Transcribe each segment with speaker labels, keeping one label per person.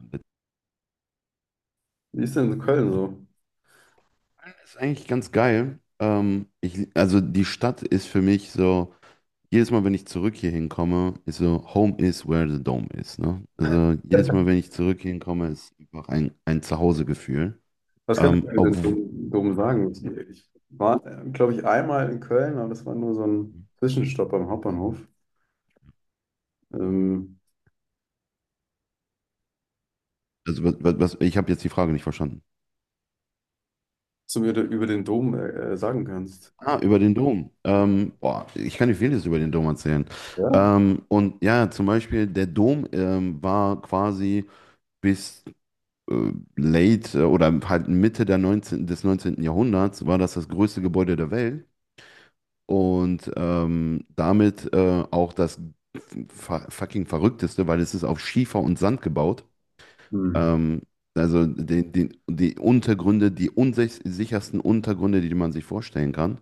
Speaker 1: Bezahlen.
Speaker 2: Wie ist denn in Köln so?
Speaker 1: Ist eigentlich ganz geil. Also die Stadt ist für mich so, jedes Mal, wenn ich zurück hier hinkomme, ist so, Home is where the dome is. Ne? Also jedes Mal, wenn ich zurück hier hinkomme, ist einfach ein Zuhausegefühl.
Speaker 2: Was kannst du
Speaker 1: Ähm,
Speaker 2: mir denn
Speaker 1: obw-
Speaker 2: dumm, dumm sagen? War, glaube ich, einmal in Köln, aber das war nur so ein Zwischenstopp am Hauptbahnhof. Ähm,
Speaker 1: also ich habe jetzt die Frage nicht verstanden.
Speaker 2: Was du mir da über den Dom sagen kannst.
Speaker 1: Ah, über den Dom. Boah, ich kann dir vieles über den Dom erzählen.
Speaker 2: Ja?
Speaker 1: Und ja, zum Beispiel, der Dom war quasi bis late oder halt Mitte der des neunzehnten Jahrhunderts war das größte Gebäude der Welt und damit auch das fucking verrückteste, weil es ist auf Schiefer und Sand gebaut.
Speaker 2: Hm.
Speaker 1: Ähm, also die Untergründe, die unsichersten Untergründe, die man sich vorstellen kann.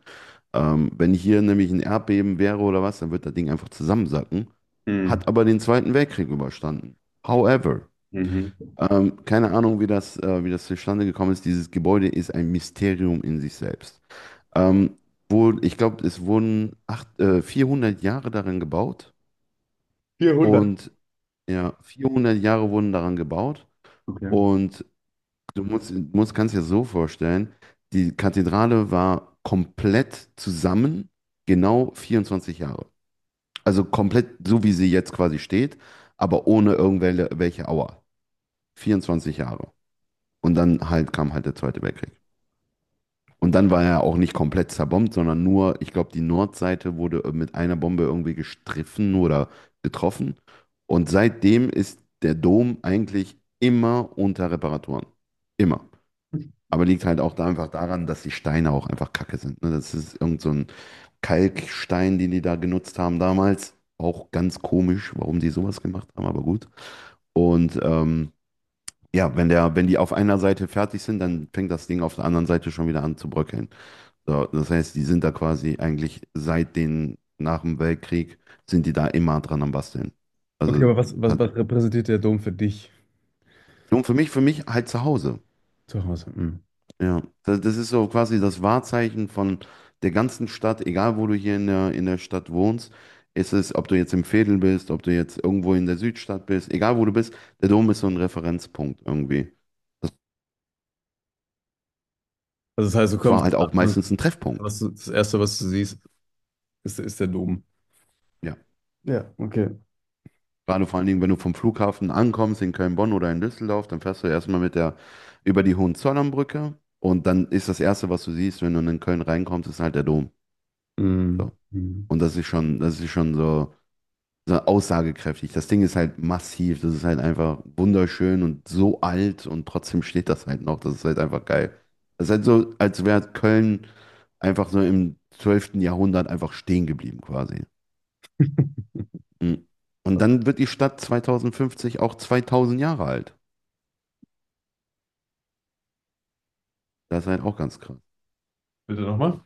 Speaker 1: Wenn hier nämlich ein Erdbeben wäre oder was, dann wird das Ding einfach zusammensacken.
Speaker 2: Hm.
Speaker 1: Hat aber den Zweiten Weltkrieg überstanden. However,
Speaker 2: Mhm.
Speaker 1: keine Ahnung, wie das zustande gekommen ist. Dieses Gebäude ist ein Mysterium in sich selbst. Ähm, Wo, ich glaube, es wurden 400 Jahre daran gebaut.
Speaker 2: 400.
Speaker 1: Und ja, 400 Jahre wurden daran gebaut.
Speaker 2: Okay.
Speaker 1: Und du kannst dir das so vorstellen, die Kathedrale war komplett zusammen, genau 24 Jahre. Also komplett so, wie sie jetzt quasi steht, aber ohne irgendwelche welche Auer. 24 Jahre. Und dann halt kam halt der Zweite Weltkrieg. Und dann war er auch nicht komplett zerbombt, sondern nur, ich glaube, die Nordseite wurde mit einer Bombe irgendwie gestriffen oder getroffen. Und seitdem ist der Dom eigentlich immer unter Reparaturen. Immer. Aber liegt halt auch da einfach daran, dass die Steine auch einfach kacke sind. Ne? Das ist irgend so ein Kalkstein, den die da genutzt haben damals. Auch ganz komisch, warum die sowas gemacht haben, aber gut. Und ja, wenn wenn die auf einer Seite fertig sind, dann fängt das Ding auf der anderen Seite schon wieder an zu bröckeln. So, das heißt, die sind da quasi eigentlich nach dem Weltkrieg sind die da immer dran am Basteln.
Speaker 2: Okay,
Speaker 1: Also,
Speaker 2: aber was, was,
Speaker 1: hat,
Speaker 2: was repräsentiert der Dom für dich
Speaker 1: und für mich halt zu Hause.
Speaker 2: zu Hause? Hm.
Speaker 1: Ja, das ist so quasi das Wahrzeichen von der ganzen Stadt, egal wo du hier in der Stadt wohnst. Ob du jetzt im Veedel bist, ob du jetzt irgendwo in der Südstadt bist, egal wo du bist, der Dom ist so ein Referenzpunkt irgendwie. Das
Speaker 2: Also das heißt, du kommst
Speaker 1: war halt auch
Speaker 2: an und
Speaker 1: meistens ein Treffpunkt.
Speaker 2: was du, das Erste, was du siehst, ist der Dom.
Speaker 1: Ja.
Speaker 2: Ja, okay.
Speaker 1: Gerade vor allen Dingen, wenn du vom Flughafen ankommst in Köln-Bonn oder in Düsseldorf, dann fährst du erstmal mit der über die Hohenzollernbrücke und dann ist das Erste, was du siehst, wenn du in Köln reinkommst, ist halt der Dom.
Speaker 2: Hm.
Speaker 1: So.
Speaker 2: Hm.
Speaker 1: Und das ist schon so, so aussagekräftig. Das Ding ist halt massiv, das ist halt einfach wunderschön und so alt und trotzdem steht das halt noch. Das ist halt einfach geil. Das ist halt so, als wäre Köln einfach so im 12. Jahrhundert einfach stehen geblieben quasi. Mhm. Und dann wird die Stadt 2050 auch 2000 Jahre alt. Das ist halt auch ganz krass.
Speaker 2: Bitte nochmal?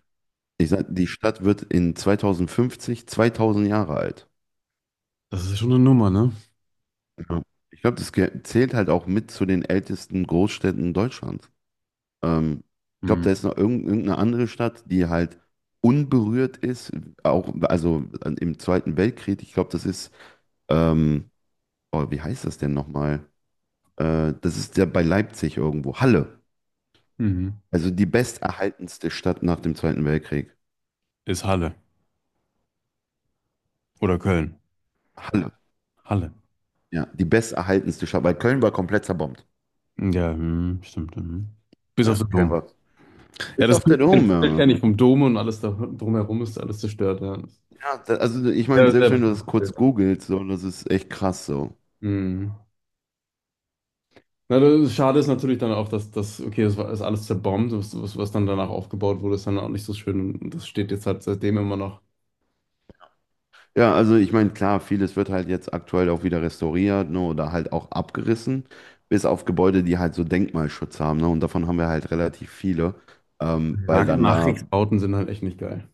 Speaker 1: Ich sag, die Stadt wird in 2050 2000 Jahre alt.
Speaker 2: Das ist ja schon eine Nummer, ne?
Speaker 1: Ja. Ich glaube, das zählt halt auch mit zu den ältesten Großstädten Deutschlands. Ähm, Ich glaube,
Speaker 2: Hm.
Speaker 1: da ist noch irgendeine andere Stadt, die halt unberührt ist, auch also im Zweiten Weltkrieg. Ich glaube, das ist, ähm, oh, wie heißt das denn nochmal? Das ist ja bei Leipzig irgendwo. Halle.
Speaker 2: Mhm.
Speaker 1: Also die besterhaltenste Stadt nach dem Zweiten Weltkrieg.
Speaker 2: Ist Halle. Oder Köln.
Speaker 1: Halle.
Speaker 2: Halle.
Speaker 1: Ja, die besterhaltenste Stadt, weil Köln war komplett zerbombt.
Speaker 2: Ja, hm, stimmt. Hm. Bis
Speaker 1: Ja.
Speaker 2: auf den
Speaker 1: Kein
Speaker 2: Dom.
Speaker 1: Wort.
Speaker 2: Ja,
Speaker 1: Ist auf der
Speaker 2: Das Bild
Speaker 1: Dome,
Speaker 2: kenn ich vom Dom und alles da, drumherum ist alles zerstört. Ja.
Speaker 1: ja. Ja, da, also ich meine,
Speaker 2: Sehr, sehr
Speaker 1: selbst wenn du das
Speaker 2: bekanntes Bild.
Speaker 1: kurz googelst, so, das ist echt krass so.
Speaker 2: Hm. Na, das schade ist natürlich dann auch, dass das, okay, ist alles zerbombt, was dann danach aufgebaut wurde, ist dann auch nicht so schön. Und das steht jetzt halt seitdem immer noch.
Speaker 1: Ja, also ich meine, klar, vieles wird halt jetzt aktuell auch wieder restauriert, ne, oder halt auch abgerissen, bis auf Gebäude, die halt so Denkmalschutz haben, ne, und davon haben wir halt relativ viele,
Speaker 2: Die
Speaker 1: weil
Speaker 2: Nach
Speaker 1: dann da,
Speaker 2: Nachkriegsbauten sind halt echt nicht geil.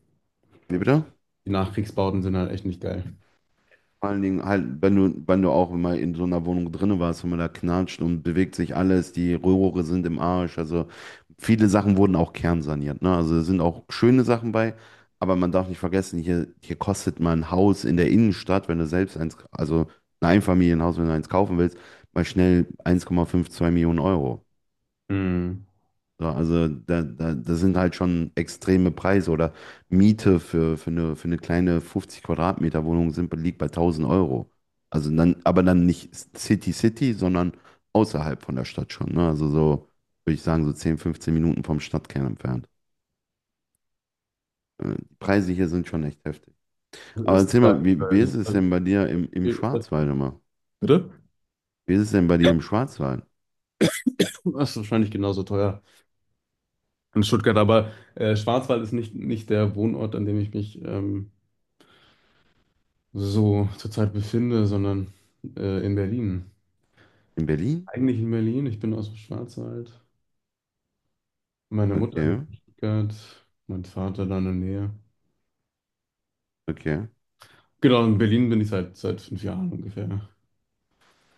Speaker 1: wie bitte?
Speaker 2: Die Nachkriegsbauten sind halt echt nicht geil.
Speaker 1: Vor allen Dingen halt, wenn du auch immer in so einer Wohnung drinne warst, wenn man da knatscht und bewegt sich alles, die Rohre sind im Arsch. Also viele Sachen wurden auch kernsaniert. Ne? Also es sind auch schöne Sachen bei, aber man darf nicht vergessen, hier kostet mal ein Haus in der Innenstadt, wenn du selbst eins, also ein Einfamilienhaus, wenn du eins kaufen willst, mal schnell 1,5, 2 Millionen Euro.
Speaker 2: Hm.
Speaker 1: So, also das sind halt schon extreme Preise oder Miete für eine kleine 50 Quadratmeter Wohnung sind, liegt bei 1.000 Euro. Also dann, aber dann nicht City City, sondern außerhalb von der Stadt schon. Ne? Also so, würde ich sagen, so 10, 15 Minuten vom Stadtkern entfernt. Die Preise hier sind schon echt heftig.
Speaker 2: Was
Speaker 1: Aber
Speaker 2: ist
Speaker 1: erzähl
Speaker 2: denn
Speaker 1: mal,
Speaker 2: da
Speaker 1: wie
Speaker 2: in Köln?
Speaker 1: ist es denn bei dir im
Speaker 2: Ist das,
Speaker 1: Schwarzwald immer?
Speaker 2: bitte?
Speaker 1: Wie ist es denn bei dir im Schwarzwald?
Speaker 2: Das ist wahrscheinlich genauso teuer. In Stuttgart, aber Schwarzwald ist nicht der Wohnort, an dem ich mich so zurzeit befinde, sondern in Berlin.
Speaker 1: In Berlin?
Speaker 2: Eigentlich in Berlin, ich bin aus dem Schwarzwald. Meine Mutter lebt
Speaker 1: Okay,
Speaker 2: in Stuttgart, mein Vater da in der Nähe.
Speaker 1: okay.
Speaker 2: Genau, in Berlin bin ich seit fünf Jahren ungefähr.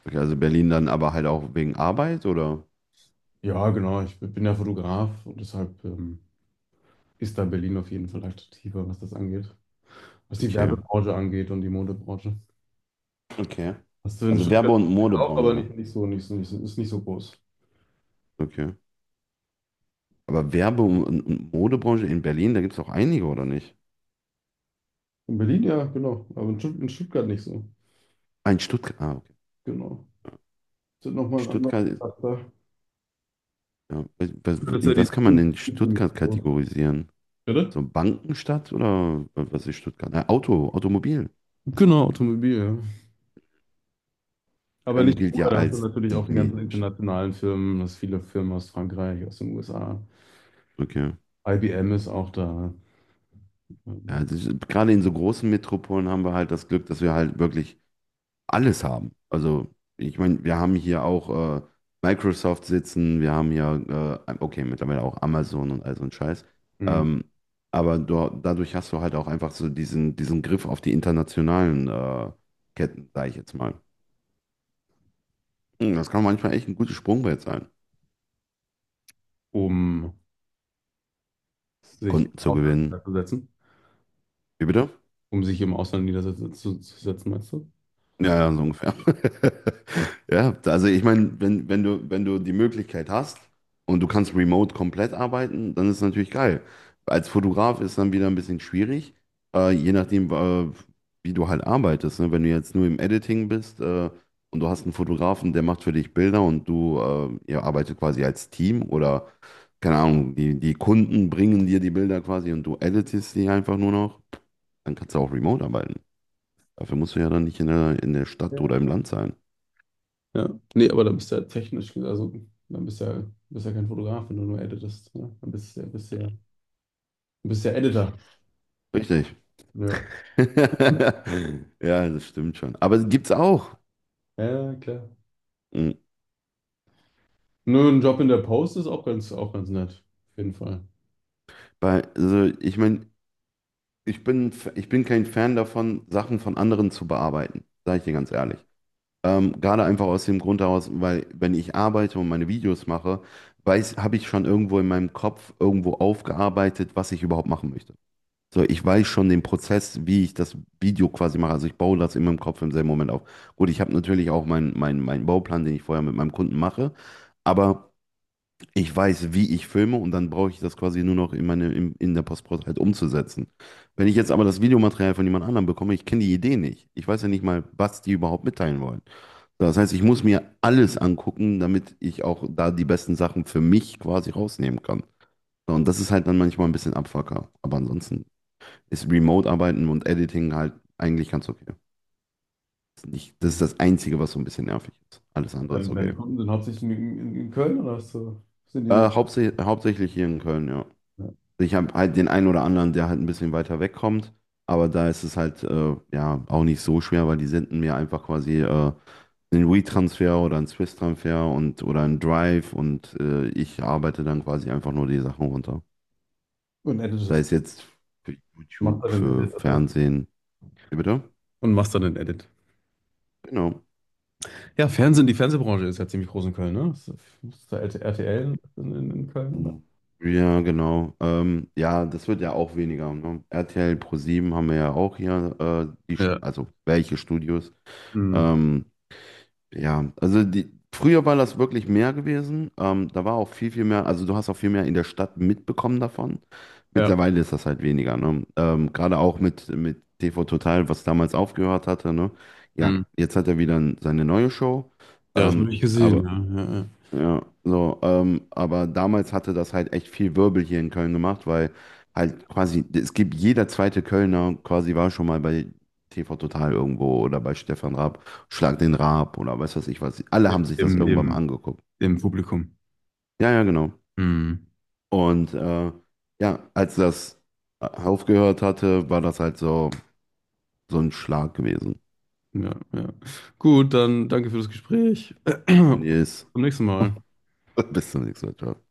Speaker 1: Okay, also Berlin dann aber halt auch wegen Arbeit oder?
Speaker 2: Ja, genau, ich bin ja Fotograf und deshalb ist da Berlin auf jeden Fall attraktiver, was das angeht. Was die
Speaker 1: Okay.
Speaker 2: Werbebranche angeht und die Modebranche.
Speaker 1: Okay.
Speaker 2: Hast du in
Speaker 1: Also Werbe-
Speaker 2: Stuttgart
Speaker 1: und
Speaker 2: auch, aber
Speaker 1: Modebranche.
Speaker 2: nicht so, ist nicht so groß.
Speaker 1: Okay. Aber Werbe- und Modebranche in Berlin, da gibt es auch einige, oder nicht?
Speaker 2: In Berlin, ja, genau. Aber in Stuttgart nicht so.
Speaker 1: Ah, in Stuttgart. Ah, okay.
Speaker 2: Genau. Das ist nochmal ein anderer
Speaker 1: Stuttgart,
Speaker 2: Charakter.
Speaker 1: ja.
Speaker 2: Das ist ja
Speaker 1: In
Speaker 2: die
Speaker 1: was kann man denn Stuttgart kategorisieren?
Speaker 2: Bitte?
Speaker 1: So Bankenstadt oder was ist Stuttgart? Na, Auto, Automobil.
Speaker 2: Genau, Automobil, ja. Aber
Speaker 1: Köln
Speaker 2: nicht
Speaker 1: gilt
Speaker 2: nur,
Speaker 1: ja
Speaker 2: da hast du
Speaker 1: als
Speaker 2: natürlich
Speaker 1: die
Speaker 2: auch die ganzen
Speaker 1: Medienstadt.
Speaker 2: internationalen Firmen, das viele Firmen aus Frankreich, aus den USA.
Speaker 1: Okay.
Speaker 2: IBM ist auch da,
Speaker 1: Ja, das ist, gerade in so großen Metropolen haben wir halt das Glück, dass wir halt wirklich alles haben. Also, ich meine, wir haben hier auch Microsoft sitzen, wir haben hier, okay, mittlerweile auch Amazon und all so ein Scheiß.
Speaker 2: ähm,
Speaker 1: Ähm, aber dadurch hast du halt auch einfach so diesen Griff auf die internationalen Ketten, sage ich jetzt mal. Das kann manchmal echt ein gutes Sprungbrett sein,
Speaker 2: um sich im
Speaker 1: Kunden zu
Speaker 2: Ausland
Speaker 1: gewinnen.
Speaker 2: niederzusetzen,
Speaker 1: Wie bitte?
Speaker 2: um sich im Ausland zu setzen, meinst du?
Speaker 1: Ja, ja, so ungefähr. Ja, also ich meine, wenn du die Möglichkeit hast und du kannst remote komplett arbeiten, dann ist es natürlich geil. Als Fotograf ist dann wieder ein bisschen schwierig, je nachdem, wie du halt arbeitest. Ne? Wenn du jetzt nur im Editing bist und du hast einen Fotografen, der macht für dich Bilder und ihr arbeitet quasi als Team oder, keine Ahnung, die Kunden bringen dir die Bilder quasi und du editest die einfach nur noch, dann kannst du auch remote arbeiten. Dafür musst du ja dann nicht in der Stadt oder
Speaker 2: Ja.
Speaker 1: im Land sein.
Speaker 2: Ja. Nee, aber da bist du ja technisch, also dann bist du ja, bist ja kein Fotograf, wenn du nur editest. Ne? Dann bist du ja du bist ja Editor.
Speaker 1: Richtig. Richtig.
Speaker 2: Ja,
Speaker 1: Ja, das stimmt schon. Aber gibt's auch.
Speaker 2: ja, klar.
Speaker 1: Mhm.
Speaker 2: Nur ein Job in der Post ist auch auch ganz nett. Auf jeden Fall.
Speaker 1: Also ich meine, ich bin kein Fan davon, Sachen von anderen zu bearbeiten, sage ich dir ganz ehrlich. Gerade einfach aus dem Grund heraus, weil wenn ich arbeite und meine Videos mache, habe ich schon irgendwo in meinem Kopf irgendwo aufgearbeitet, was ich überhaupt machen möchte. So, ich weiß schon den Prozess, wie ich das Video quasi mache. Also ich baue das in meinem Kopf im selben Moment auf. Gut, ich habe natürlich auch meinen Bauplan, den ich vorher mit meinem Kunden mache, aber ich weiß, wie ich filme und dann brauche ich das quasi nur noch in der Postprozess halt umzusetzen. Wenn ich jetzt aber das Videomaterial von jemand anderem bekomme, ich kenne die Idee nicht. Ich weiß ja nicht mal, was die überhaupt mitteilen wollen. So, das heißt, ich muss mir alles angucken, damit ich auch da die besten Sachen für mich quasi rausnehmen kann. So. Und das ist halt dann manchmal ein bisschen Abfucker. Aber ansonsten ist Remote-Arbeiten und Editing halt eigentlich ganz okay. Ist nicht, das
Speaker 2: Hm.
Speaker 1: ist das Einzige, was so ein bisschen nervig ist. Alles andere ist
Speaker 2: Deine
Speaker 1: okay.
Speaker 2: Kunden sind hauptsächlich in Köln oder hast du, sind die?
Speaker 1: Hauptsächlich hier in Köln, ja.
Speaker 2: Ja.
Speaker 1: Ich habe halt den einen oder anderen, der halt ein bisschen weiter wegkommt, aber da ist es halt ja auch nicht so schwer, weil die senden mir einfach quasi einen WeTransfer oder einen Swiss-Transfer und oder einen Drive und ich arbeite dann quasi einfach nur die Sachen runter.
Speaker 2: Und
Speaker 1: Da
Speaker 2: editest.
Speaker 1: ist jetzt für
Speaker 2: Machst da
Speaker 1: YouTube,
Speaker 2: den
Speaker 1: für
Speaker 2: Edit, oder? Was?
Speaker 1: Fernsehen. Wie bitte?
Speaker 2: Und machst da den Edit.
Speaker 1: Genau.
Speaker 2: Ja, Fernsehen, die Fernsehbranche ist ja ziemlich groß in Köln, ne? Ist da RTL in Köln, oder?
Speaker 1: Ja, genau. Ja, das wird ja auch weniger. Ne? RTL Pro7 haben wir ja auch hier,
Speaker 2: Ja,
Speaker 1: also welche Studios.
Speaker 2: hm.
Speaker 1: Ähm, ja, also früher war das wirklich mehr gewesen. Da war auch viel, viel mehr, also du hast auch viel mehr in der Stadt mitbekommen davon.
Speaker 2: Ja.
Speaker 1: Mittlerweile ist das halt weniger. Ne? Gerade auch mit TV Total, was damals aufgehört hatte. Ne? Ja,
Speaker 2: Hm.
Speaker 1: jetzt hat er wieder seine neue Show.
Speaker 2: Ja, das
Speaker 1: Ähm,
Speaker 2: habe ich gesehen,
Speaker 1: aber.
Speaker 2: ja. Ja,
Speaker 1: Ja, so, aber damals hatte das halt echt viel Wirbel hier in Köln gemacht, weil halt quasi, es gibt jeder zweite Kölner quasi war schon mal bei TV Total irgendwo oder bei Stefan Raab, Schlag den Raab oder weiß was ich was. Alle
Speaker 2: ja.
Speaker 1: haben sich das irgendwann mal angeguckt.
Speaker 2: Im Publikum.
Speaker 1: Ja, ja, genau.
Speaker 2: Hm.
Speaker 1: Und ja, als das aufgehört hatte, war das halt so, so ein Schlag gewesen.
Speaker 2: Ja, ja. Gut, dann danke für das Gespräch. Bis
Speaker 1: Yes.
Speaker 2: zum nächsten Mal.
Speaker 1: Bis zum nächsten Mal. Ciao.